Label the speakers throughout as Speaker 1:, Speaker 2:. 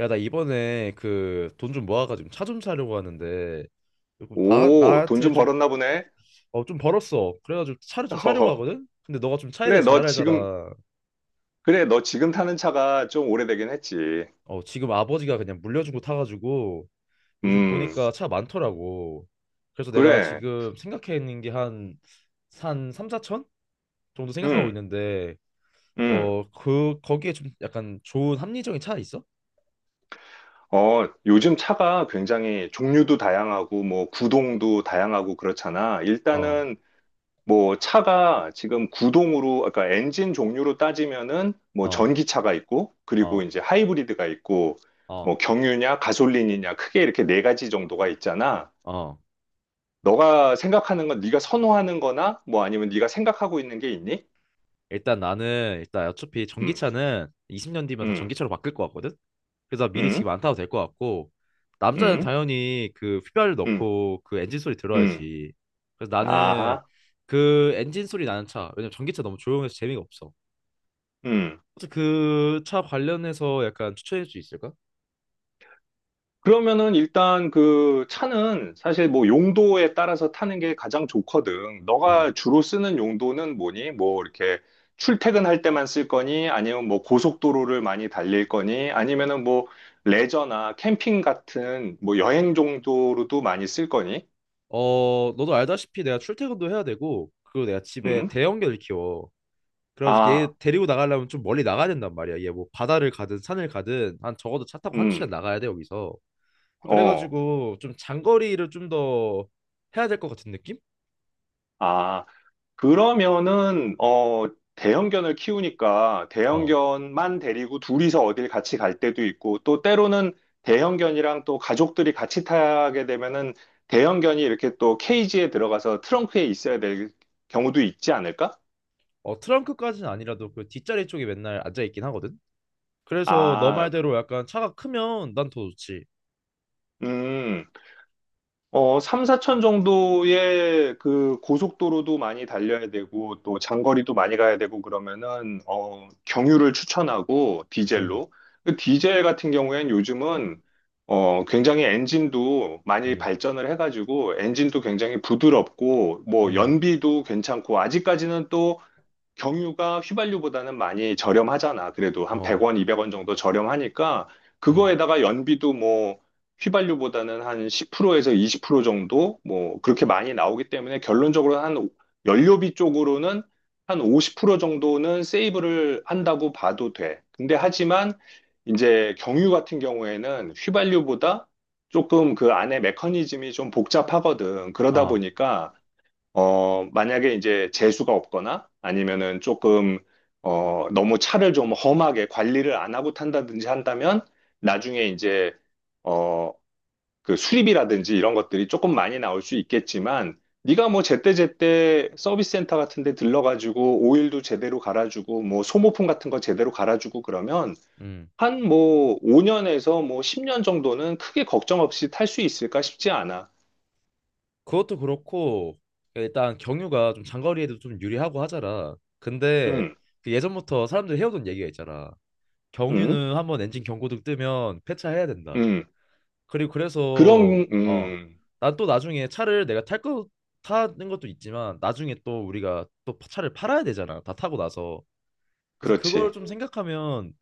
Speaker 1: 야, 나 이번에 그 돈 좀 모아가지고 차 좀 사려고 하는데 그리고 나
Speaker 2: 오, 돈
Speaker 1: 나한테
Speaker 2: 좀
Speaker 1: 좀
Speaker 2: 벌었나 보네.
Speaker 1: 어 좀 벌었어. 그래가지고 차를 좀 사려고
Speaker 2: 어,
Speaker 1: 하거든. 근데 너가 좀 차에 대해
Speaker 2: 그래, 너
Speaker 1: 잘
Speaker 2: 지금,
Speaker 1: 알잖아.
Speaker 2: 그래, 너 지금 타는 차가 좀 오래되긴 했지.
Speaker 1: 어 지금 아버지가 그냥 물려준 거 타가지고 요즘
Speaker 2: 음,
Speaker 1: 보니까 차 많더라고. 그래서 내가
Speaker 2: 그래,
Speaker 1: 지금 생각해 있는 게 한 3, 4천 정도 생각하고
Speaker 2: 음,
Speaker 1: 있는데
Speaker 2: 음.
Speaker 1: 어 그 거기에 좀 약간 좋은 합리적인 차 있어?
Speaker 2: 어, 요즘 차가 굉장히 종류도 다양하고, 뭐, 구동도 다양하고 그렇잖아.
Speaker 1: 어,
Speaker 2: 일단은, 뭐, 차가 지금 구동으로, 아까 엔진 종류로 따지면은, 뭐,
Speaker 1: 어,
Speaker 2: 전기차가 있고, 그리고
Speaker 1: 어,
Speaker 2: 이제 하이브리드가 있고,
Speaker 1: 어,
Speaker 2: 뭐, 경유냐, 가솔린이냐, 크게 이렇게 네 가지 정도가 있잖아.
Speaker 1: 어.
Speaker 2: 너가 생각하는 건 네가 선호하는 거나 뭐 아니면 네가 생각하고 있는 게 있니?
Speaker 1: 일단 나는 일단 어차피
Speaker 2: 음,
Speaker 1: 전기차는 20년 뒤면 다
Speaker 2: 음,
Speaker 1: 전기차로 바뀔 것 같거든. 그래서 미리
Speaker 2: 음,
Speaker 1: 지금 안 타도 될 것 같고 남자는
Speaker 2: 음,
Speaker 1: 당연히 그 휘발유
Speaker 2: 음,
Speaker 1: 넣고 그 엔진 소리
Speaker 2: 음.
Speaker 1: 들어야지. 그래서 나는
Speaker 2: 아하,
Speaker 1: 그 엔진 소리 나는 차. 왜냐면 전기차 너무 조용해서 재미가 없어.
Speaker 2: 음.
Speaker 1: 그 차 관련해서 약간 추천해 줄 수 있을까?
Speaker 2: 그러면은 일단 그 차는 사실 뭐 용도에 따라서 타는 게 가장 좋거든.
Speaker 1: 음.
Speaker 2: 너가 주로 쓰는 용도는 뭐니? 뭐 이렇게 출퇴근할 때만 쓸 거니? 아니면 뭐 고속도로를 많이 달릴 거니? 아니면은 뭐 레저나 캠핑 같은 뭐 여행 정도로도 많이 쓸 거니?
Speaker 1: 어, 너도 알다시피 내가 출퇴근도 해야 되고 그리고 내가 집에
Speaker 2: 음?
Speaker 1: 대형견을 키워. 그래가지고 얘
Speaker 2: 아,
Speaker 1: 데리고 나가려면 좀 멀리 나가야 된단 말이야. 얘 뭐 바다를 가든 산을 가든 한 적어도 차 타고 한두 시간
Speaker 2: 음.
Speaker 1: 나가야 돼 여기서.
Speaker 2: 어.
Speaker 1: 그래가지고 좀 장거리를 좀 더 해야 될 것 같은 느낌?
Speaker 2: 아, 그러면은, 어, 대형견을 키우니까
Speaker 1: 어.
Speaker 2: 대형견만 데리고 둘이서 어딜 같이 갈 때도 있고, 또 때로는 대형견이랑 또 가족들이 같이 타게 되면은 대형견이 이렇게 또 케이지에 들어가서 트렁크에 있어야 될 경우도 있지 않을까?
Speaker 1: 어 트렁크까지는 아니라도 그 뒷자리 쪽에 맨날 앉아 있긴 하거든. 그래서 너
Speaker 2: 아,
Speaker 1: 말대로 약간 차가 크면 난 더 좋지.
Speaker 2: 음. 어, 3, 4천 정도의 그 고속도로도 많이 달려야 되고 또 장거리도 많이 가야 되고 그러면은 어, 경유를 추천하고
Speaker 1: 음,
Speaker 2: 디젤로. 그 디젤 같은 경우에는 요즘은 어, 굉장히 엔진도 많이
Speaker 1: 음,
Speaker 2: 발전을 해가지고 엔진도 굉장히 부드럽고 뭐
Speaker 1: 음,
Speaker 2: 연비도 괜찮고 아직까지는 또 경유가 휘발유보다는 많이 저렴하잖아. 그래도 한
Speaker 1: 어,
Speaker 2: 100원, 200원 정도 저렴하니까
Speaker 1: 음,
Speaker 2: 그거에다가 연비도 뭐 휘발유보다는 한 10%에서 20% 정도 뭐 그렇게 많이 나오기 때문에 결론적으로 연료비 쪽으로는 한 50% 정도는 세이브를 한다고 봐도 돼. 근데 하지만 이제 경유 같은 경우에는 휘발유보다 조금 그 안에 메커니즘이 좀 복잡하거든. 그러다
Speaker 1: 아,
Speaker 2: 보니까 어, 만약에 이제 재수가 없거나 아니면은 조금, 어, 너무 차를 좀 험하게 관리를 안 하고 탄다든지 한다면 나중에 이제, 어, 그 수리비라든지 이런 것들이 조금 많이 나올 수 있겠지만 네가 뭐 제때제때 서비스 센터 같은 데 들러가지고 오일도 제대로 갈아주고 뭐 소모품 같은 거 제대로 갈아주고 그러면
Speaker 1: 음.
Speaker 2: 한 뭐 5년에서 뭐 10년 정도는 크게 걱정 없이 탈 수 있을까 싶지 않아.
Speaker 1: 그것도 그렇고 일단 경유가 좀 장거리에도 좀 유리하고 하잖아. 근데
Speaker 2: 음,
Speaker 1: 그 예전부터 사람들이 해오던 얘기가 있잖아.
Speaker 2: 음,
Speaker 1: 경유는 한번 엔진 경고등 뜨면 폐차해야 된다.
Speaker 2: 음.
Speaker 1: 그리고
Speaker 2: 그런,
Speaker 1: 그래서 어, 난 또 나중에 차를 내가 탈 거 타는 것도 있지만 나중에 또 우리가 또 차를 팔아야 되잖아. 다 타고 나서. 그래서 그걸
Speaker 2: 그렇지.
Speaker 1: 좀 생각하면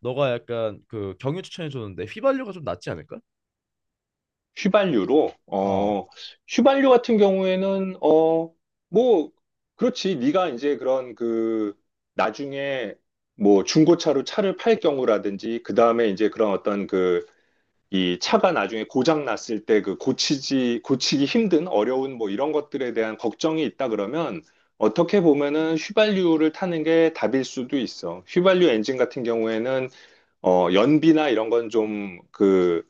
Speaker 1: 너가 약간 그 경유 추천해 줬는데 휘발유가 좀 낫지 않을까?
Speaker 2: 휘발유로,
Speaker 1: 어.
Speaker 2: 어, 휘발유 같은 경우에는, 어, 뭐, 그렇지. 네가 이제 그런 그, 나중에 뭐 중고차로 차를 팔 경우라든지, 그 다음에 이제 그런 어떤 그, 이 차가 나중에 고장 났을 때 그 고치기 힘든 어려운 뭐 이런 것들에 대한 걱정이 있다 그러면 어떻게 보면은 휘발유를 타는 게 답일 수도 있어. 휘발유 엔진 같은 경우에는 어, 연비나 이런 건 좀, 그,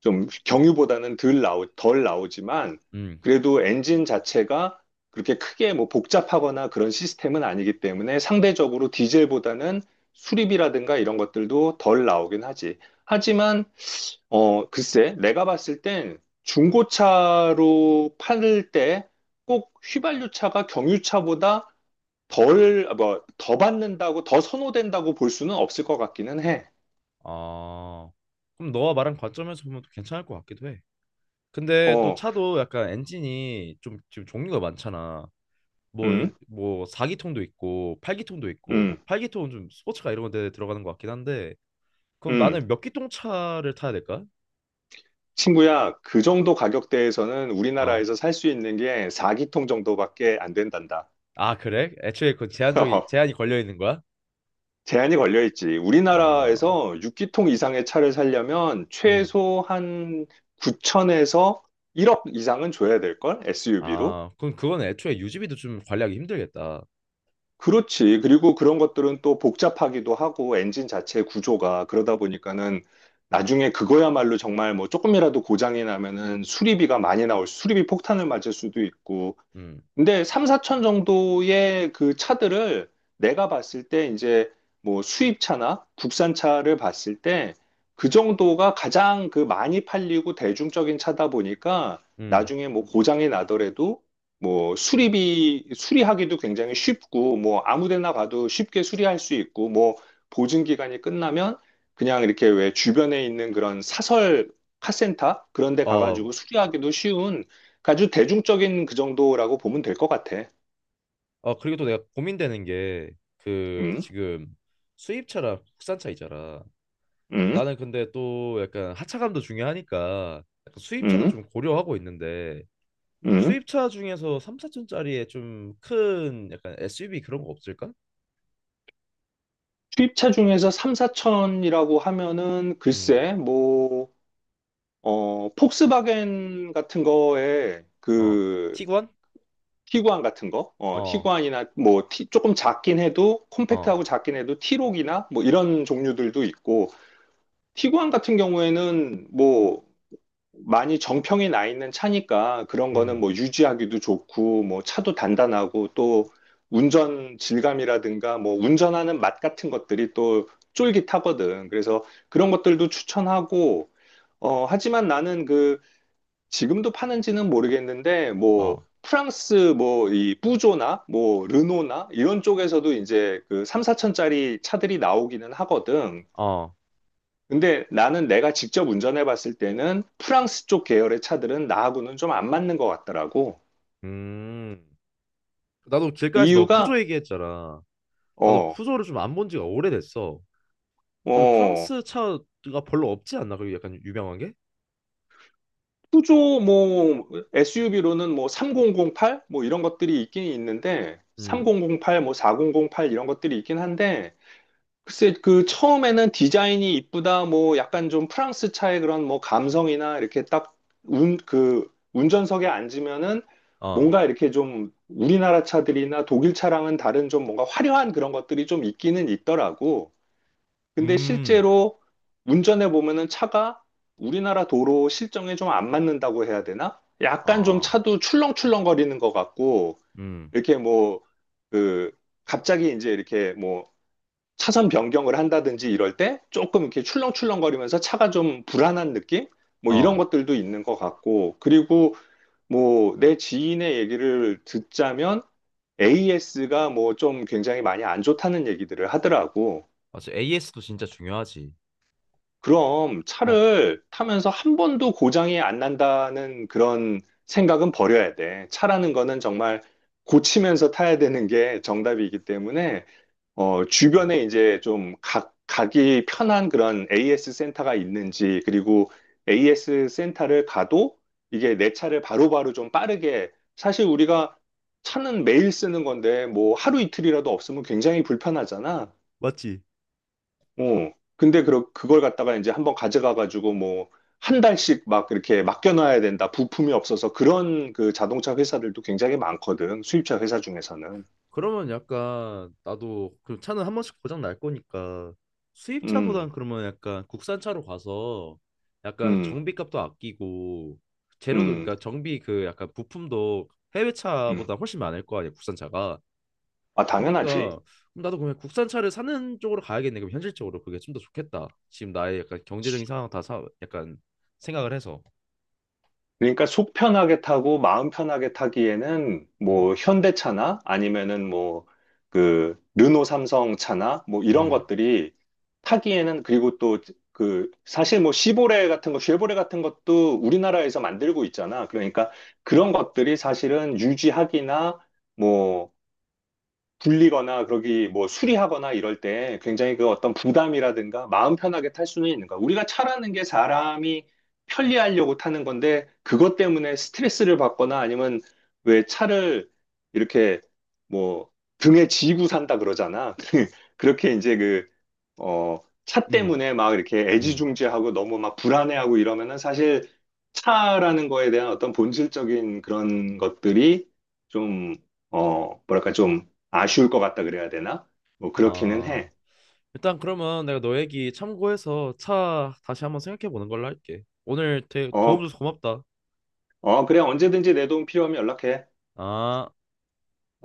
Speaker 2: 좀 경유보다는 덜 나오지만,
Speaker 1: 음.
Speaker 2: 그래도 엔진 자체가 그렇게 크게 뭐 복잡하거나 그런 시스템은 아니기 때문에 상대적으로 디젤보다는 수리비라든가 이런 것들도 덜 나오긴 하지. 하지만, 어, 글쎄, 내가 봤을 땐 중고차로 팔을 때 꼭 휘발유차가 경유차보다 덜, 뭐, 더 받는다고, 더 선호된다고 볼 수는 없을 것 같기는 해.
Speaker 1: 아. 그럼 너와 말한 관점에서 보면 또 괜찮을 것 같기도 해. 근데 또
Speaker 2: 어,
Speaker 1: 차도 약간 엔진이 좀 지금 종류가 많잖아. 뭐
Speaker 2: 음,
Speaker 1: 뭐 4기통도 있고 8기통도 있고 뭐
Speaker 2: 음,
Speaker 1: 8기통은 좀 스포츠카 이런 데 들어가는 것 같긴 한데 그럼
Speaker 2: 음.
Speaker 1: 나는 몇 기통 차를 타야 될까?
Speaker 2: 친구야, 그 정도 가격대에서는
Speaker 1: 어.
Speaker 2: 우리나라에서 살 수 있는 게 4기통 정도밖에 안 된단다.
Speaker 1: 아, 그래? 애초에 그 제한적이 제한이 걸려 있는 거야?
Speaker 2: 제한이 걸려 있지.
Speaker 1: 아.
Speaker 2: 우리나라에서 6기통 이상의 차를 살려면
Speaker 1: 음.
Speaker 2: 최소 한 9천에서 1억 이상은 줘야 될걸? SUV로?
Speaker 1: 아, 그럼 그건 애초에 유지비도 좀 관리하기 힘들겠다.
Speaker 2: 그렇지. 그리고 그런 것들은 또 복잡하기도 하고 엔진 자체 구조가 그러다 보니까는 나중에 그거야말로 정말 뭐 조금이라도 고장이 나면은 수리비가 많이 나올, 수리비 폭탄을 맞을 수도 있고
Speaker 1: 음.
Speaker 2: 근데 3, 4천 정도의 그 차들을 내가 봤을 때 이제 뭐 수입차나 국산차를 봤을 때 그 정도가 가장 그 많이 팔리고 대중적인 차다 보니까
Speaker 1: 음.
Speaker 2: 나중에 뭐 고장이 나더라도 뭐 수리비, 수리하기도 굉장히 쉽고 뭐 아무 데나 가도 쉽게 수리할 수 있고 뭐 보증 기간이 끝나면 그냥 이렇게 왜 주변에 있는 그런 사설 카센터 그런 데
Speaker 1: 어.
Speaker 2: 가가지고 수리하기도 쉬운 아주 대중적인 그 정도라고 보면 될 것 같아.
Speaker 1: 어, 그리고 또 내가 고민되는 게 그
Speaker 2: 음,
Speaker 1: 지금 수입차랑 국산차 있잖아.
Speaker 2: 음,
Speaker 1: 나는 근데 또 약간 하차감도 중요하니까 약간 수입차도
Speaker 2: 음,
Speaker 1: 좀 고려하고 있는데
Speaker 2: 음.
Speaker 1: 수입차 중에서 3, 4천짜리에 좀 큰 약간 SUV 그런 거 없을까?
Speaker 2: 수입차 중에서 3, 4천이라고 하면은
Speaker 1: 음.
Speaker 2: 글쎄, 뭐, 어, 폭스바겐 같은 거에
Speaker 1: 어.
Speaker 2: 그
Speaker 1: 티구안?
Speaker 2: 티구안 같은 거, 어,
Speaker 1: 어.
Speaker 2: 티구안이나 뭐 조금 작긴 해도
Speaker 1: 어.
Speaker 2: 콤팩트하고 작긴 해도 티록이나 뭐 이런 종류들도 있고 티구안 같은 경우에는 뭐 많이 정평이 나 있는 차니까 그런 거는
Speaker 1: 음.
Speaker 2: 뭐 유지하기도 좋고 뭐 차도 단단하고 또 운전 질감이라든가 뭐 운전하는 맛 같은 것들이 또 쫄깃하거든. 그래서 그런 것들도 추천하고 어 하지만 나는 그 지금도 파는지는 모르겠는데 뭐
Speaker 1: 어.
Speaker 2: 프랑스 뭐 이 뿌조나 뭐 르노나 이런 쪽에서도 이제 그 3, 4천짜리 차들이 나오기는 하거든.
Speaker 1: 어.
Speaker 2: 근데 나는 내가 직접 운전해 봤을 때는 프랑스 쪽 계열의 차들은 나하고는 좀 안 맞는 것 같더라고.
Speaker 1: 음. 나도 길가에서 너 푸조
Speaker 2: 이유가,
Speaker 1: 얘기했잖아. 나도
Speaker 2: 어,
Speaker 1: 푸조를 좀 안 본 지가 오래됐어. 그리고
Speaker 2: 어,
Speaker 1: 프랑스 차가 별로 없지 않나? 그리고 약간 유명한 게?
Speaker 2: 푸조 뭐 SUV로는 뭐 3008? 뭐 이런 것들이 있긴 있는데,
Speaker 1: 음.
Speaker 2: 3008, 뭐 4008 이런 것들이 있긴 한데, 글쎄, 그 처음에는 디자인이 이쁘다, 뭐 약간 좀 프랑스 차의 그런 뭐 감성이나 이렇게 딱 그 운전석에 앉으면은
Speaker 1: 어.
Speaker 2: 뭔가 이렇게 좀 우리나라 차들이나 독일 차랑은 다른 좀 뭔가 화려한 그런 것들이 좀 있기는 있더라고. 근데
Speaker 1: 음,
Speaker 2: 실제로 운전해 보면은 차가 우리나라 도로 실정에 좀 안 맞는다고 해야 되나? 약간 좀
Speaker 1: 아,
Speaker 2: 차도 출렁출렁거리는 것 같고,
Speaker 1: 음,
Speaker 2: 이렇게 뭐, 그, 갑자기 이제 이렇게 뭐, 차선 변경을 한다든지 이럴 때 조금 이렇게 출렁출렁거리면서 차가 좀 불안한 느낌? 뭐 이런
Speaker 1: 어,
Speaker 2: 것들도 있는 것 같고, 그리고 뭐 내 지인의 얘기를 듣자면 AS가 뭐 좀 굉장히 많이 안 좋다는 얘기들을 하더라고.
Speaker 1: 맞아. AS도 진짜 중요하지.
Speaker 2: 그럼
Speaker 1: 어.
Speaker 2: 차를 타면서 한 번도 고장이 안 난다는 그런 생각은 버려야 돼. 차라는 거는 정말 고치면서 타야 되는 게 정답이기 때문에 어,
Speaker 1: 어.
Speaker 2: 주변에 이제 좀 가기 편한 그런 AS 센터가 있는지, 그리고 AS 센터를 가도 이게 내 차를 바로바로 좀 빠르게, 사실 우리가 차는 매일 쓰는 건데, 뭐 하루 이틀이라도 없으면 굉장히 불편하잖아.
Speaker 1: 맞지?
Speaker 2: 어, 근데 그, 그걸 갖다가 이제 한번 가져가가지고 뭐, 한 달씩 막 이렇게 맡겨놔야 된다. 부품이 없어서 그런 그 자동차 회사들도 굉장히 많거든. 수입차 회사 중에서는.
Speaker 1: 그러면 약간 나도 그 차는 한 번씩 고장 날 거니까 수입차보단
Speaker 2: 음,
Speaker 1: 그러면 약간 국산차로 가서 약간
Speaker 2: 음,
Speaker 1: 정비값도 아끼고 재료도
Speaker 2: 음,
Speaker 1: 그러니까 정비 그 약간 부품도
Speaker 2: 음.
Speaker 1: 해외차보다 훨씬 많을 거 아니야 국산차가.
Speaker 2: 아, 당연하지.
Speaker 1: 그러니까 그럼 나도 그냥 국산차를 사는 쪽으로 가야겠네. 그럼 현실적으로 그게 좀 더 좋겠다. 지금 나의 약간 경제적인 상황 다 약간 생각을 해서.
Speaker 2: 그러니까 속 편하게 타고 마음 편하게 타기에는
Speaker 1: 음,
Speaker 2: 뭐 현대차나 아니면은 뭐 그 르노 삼성 차나 뭐 이런
Speaker 1: 음,
Speaker 2: 것들이 타기에는 그리고 또 그 사실 뭐 시보레 같은 거 쉐보레 같은 것도 우리나라에서 만들고 있잖아. 그러니까 그런 것들이 사실은 유지하기나 뭐 불리거나 그러기 뭐 수리하거나 이럴 때 굉장히 그 어떤 부담이라든가 마음 편하게 탈 수는 있는 거야. 우리가 차라는 게 사람이 편리하려고 타는 건데 그것 때문에 스트레스를 받거나 아니면 왜 차를 이렇게 뭐 등에 지고 산다 그러잖아. 그렇게 이제 그 어, 차
Speaker 1: 음,
Speaker 2: 때문에 막 이렇게
Speaker 1: 음.
Speaker 2: 애지중지하고 너무 막 불안해하고 이러면은 사실 차라는 거에 대한 어떤 본질적인 그런 것들이 좀, 어, 뭐랄까 좀 아쉬울 것 같다 그래야 되나? 뭐 그렇기는
Speaker 1: 아.
Speaker 2: 해.
Speaker 1: 일단 그러면 내가 너 얘기 참고해서 차 다시 한번 생각해 보는 걸로 할게. 오늘 되 도움
Speaker 2: 어,
Speaker 1: 줘서 고맙다.
Speaker 2: 어, 그래. 언제든지 내 도움 필요하면 연락해.
Speaker 1: 아.
Speaker 2: 어.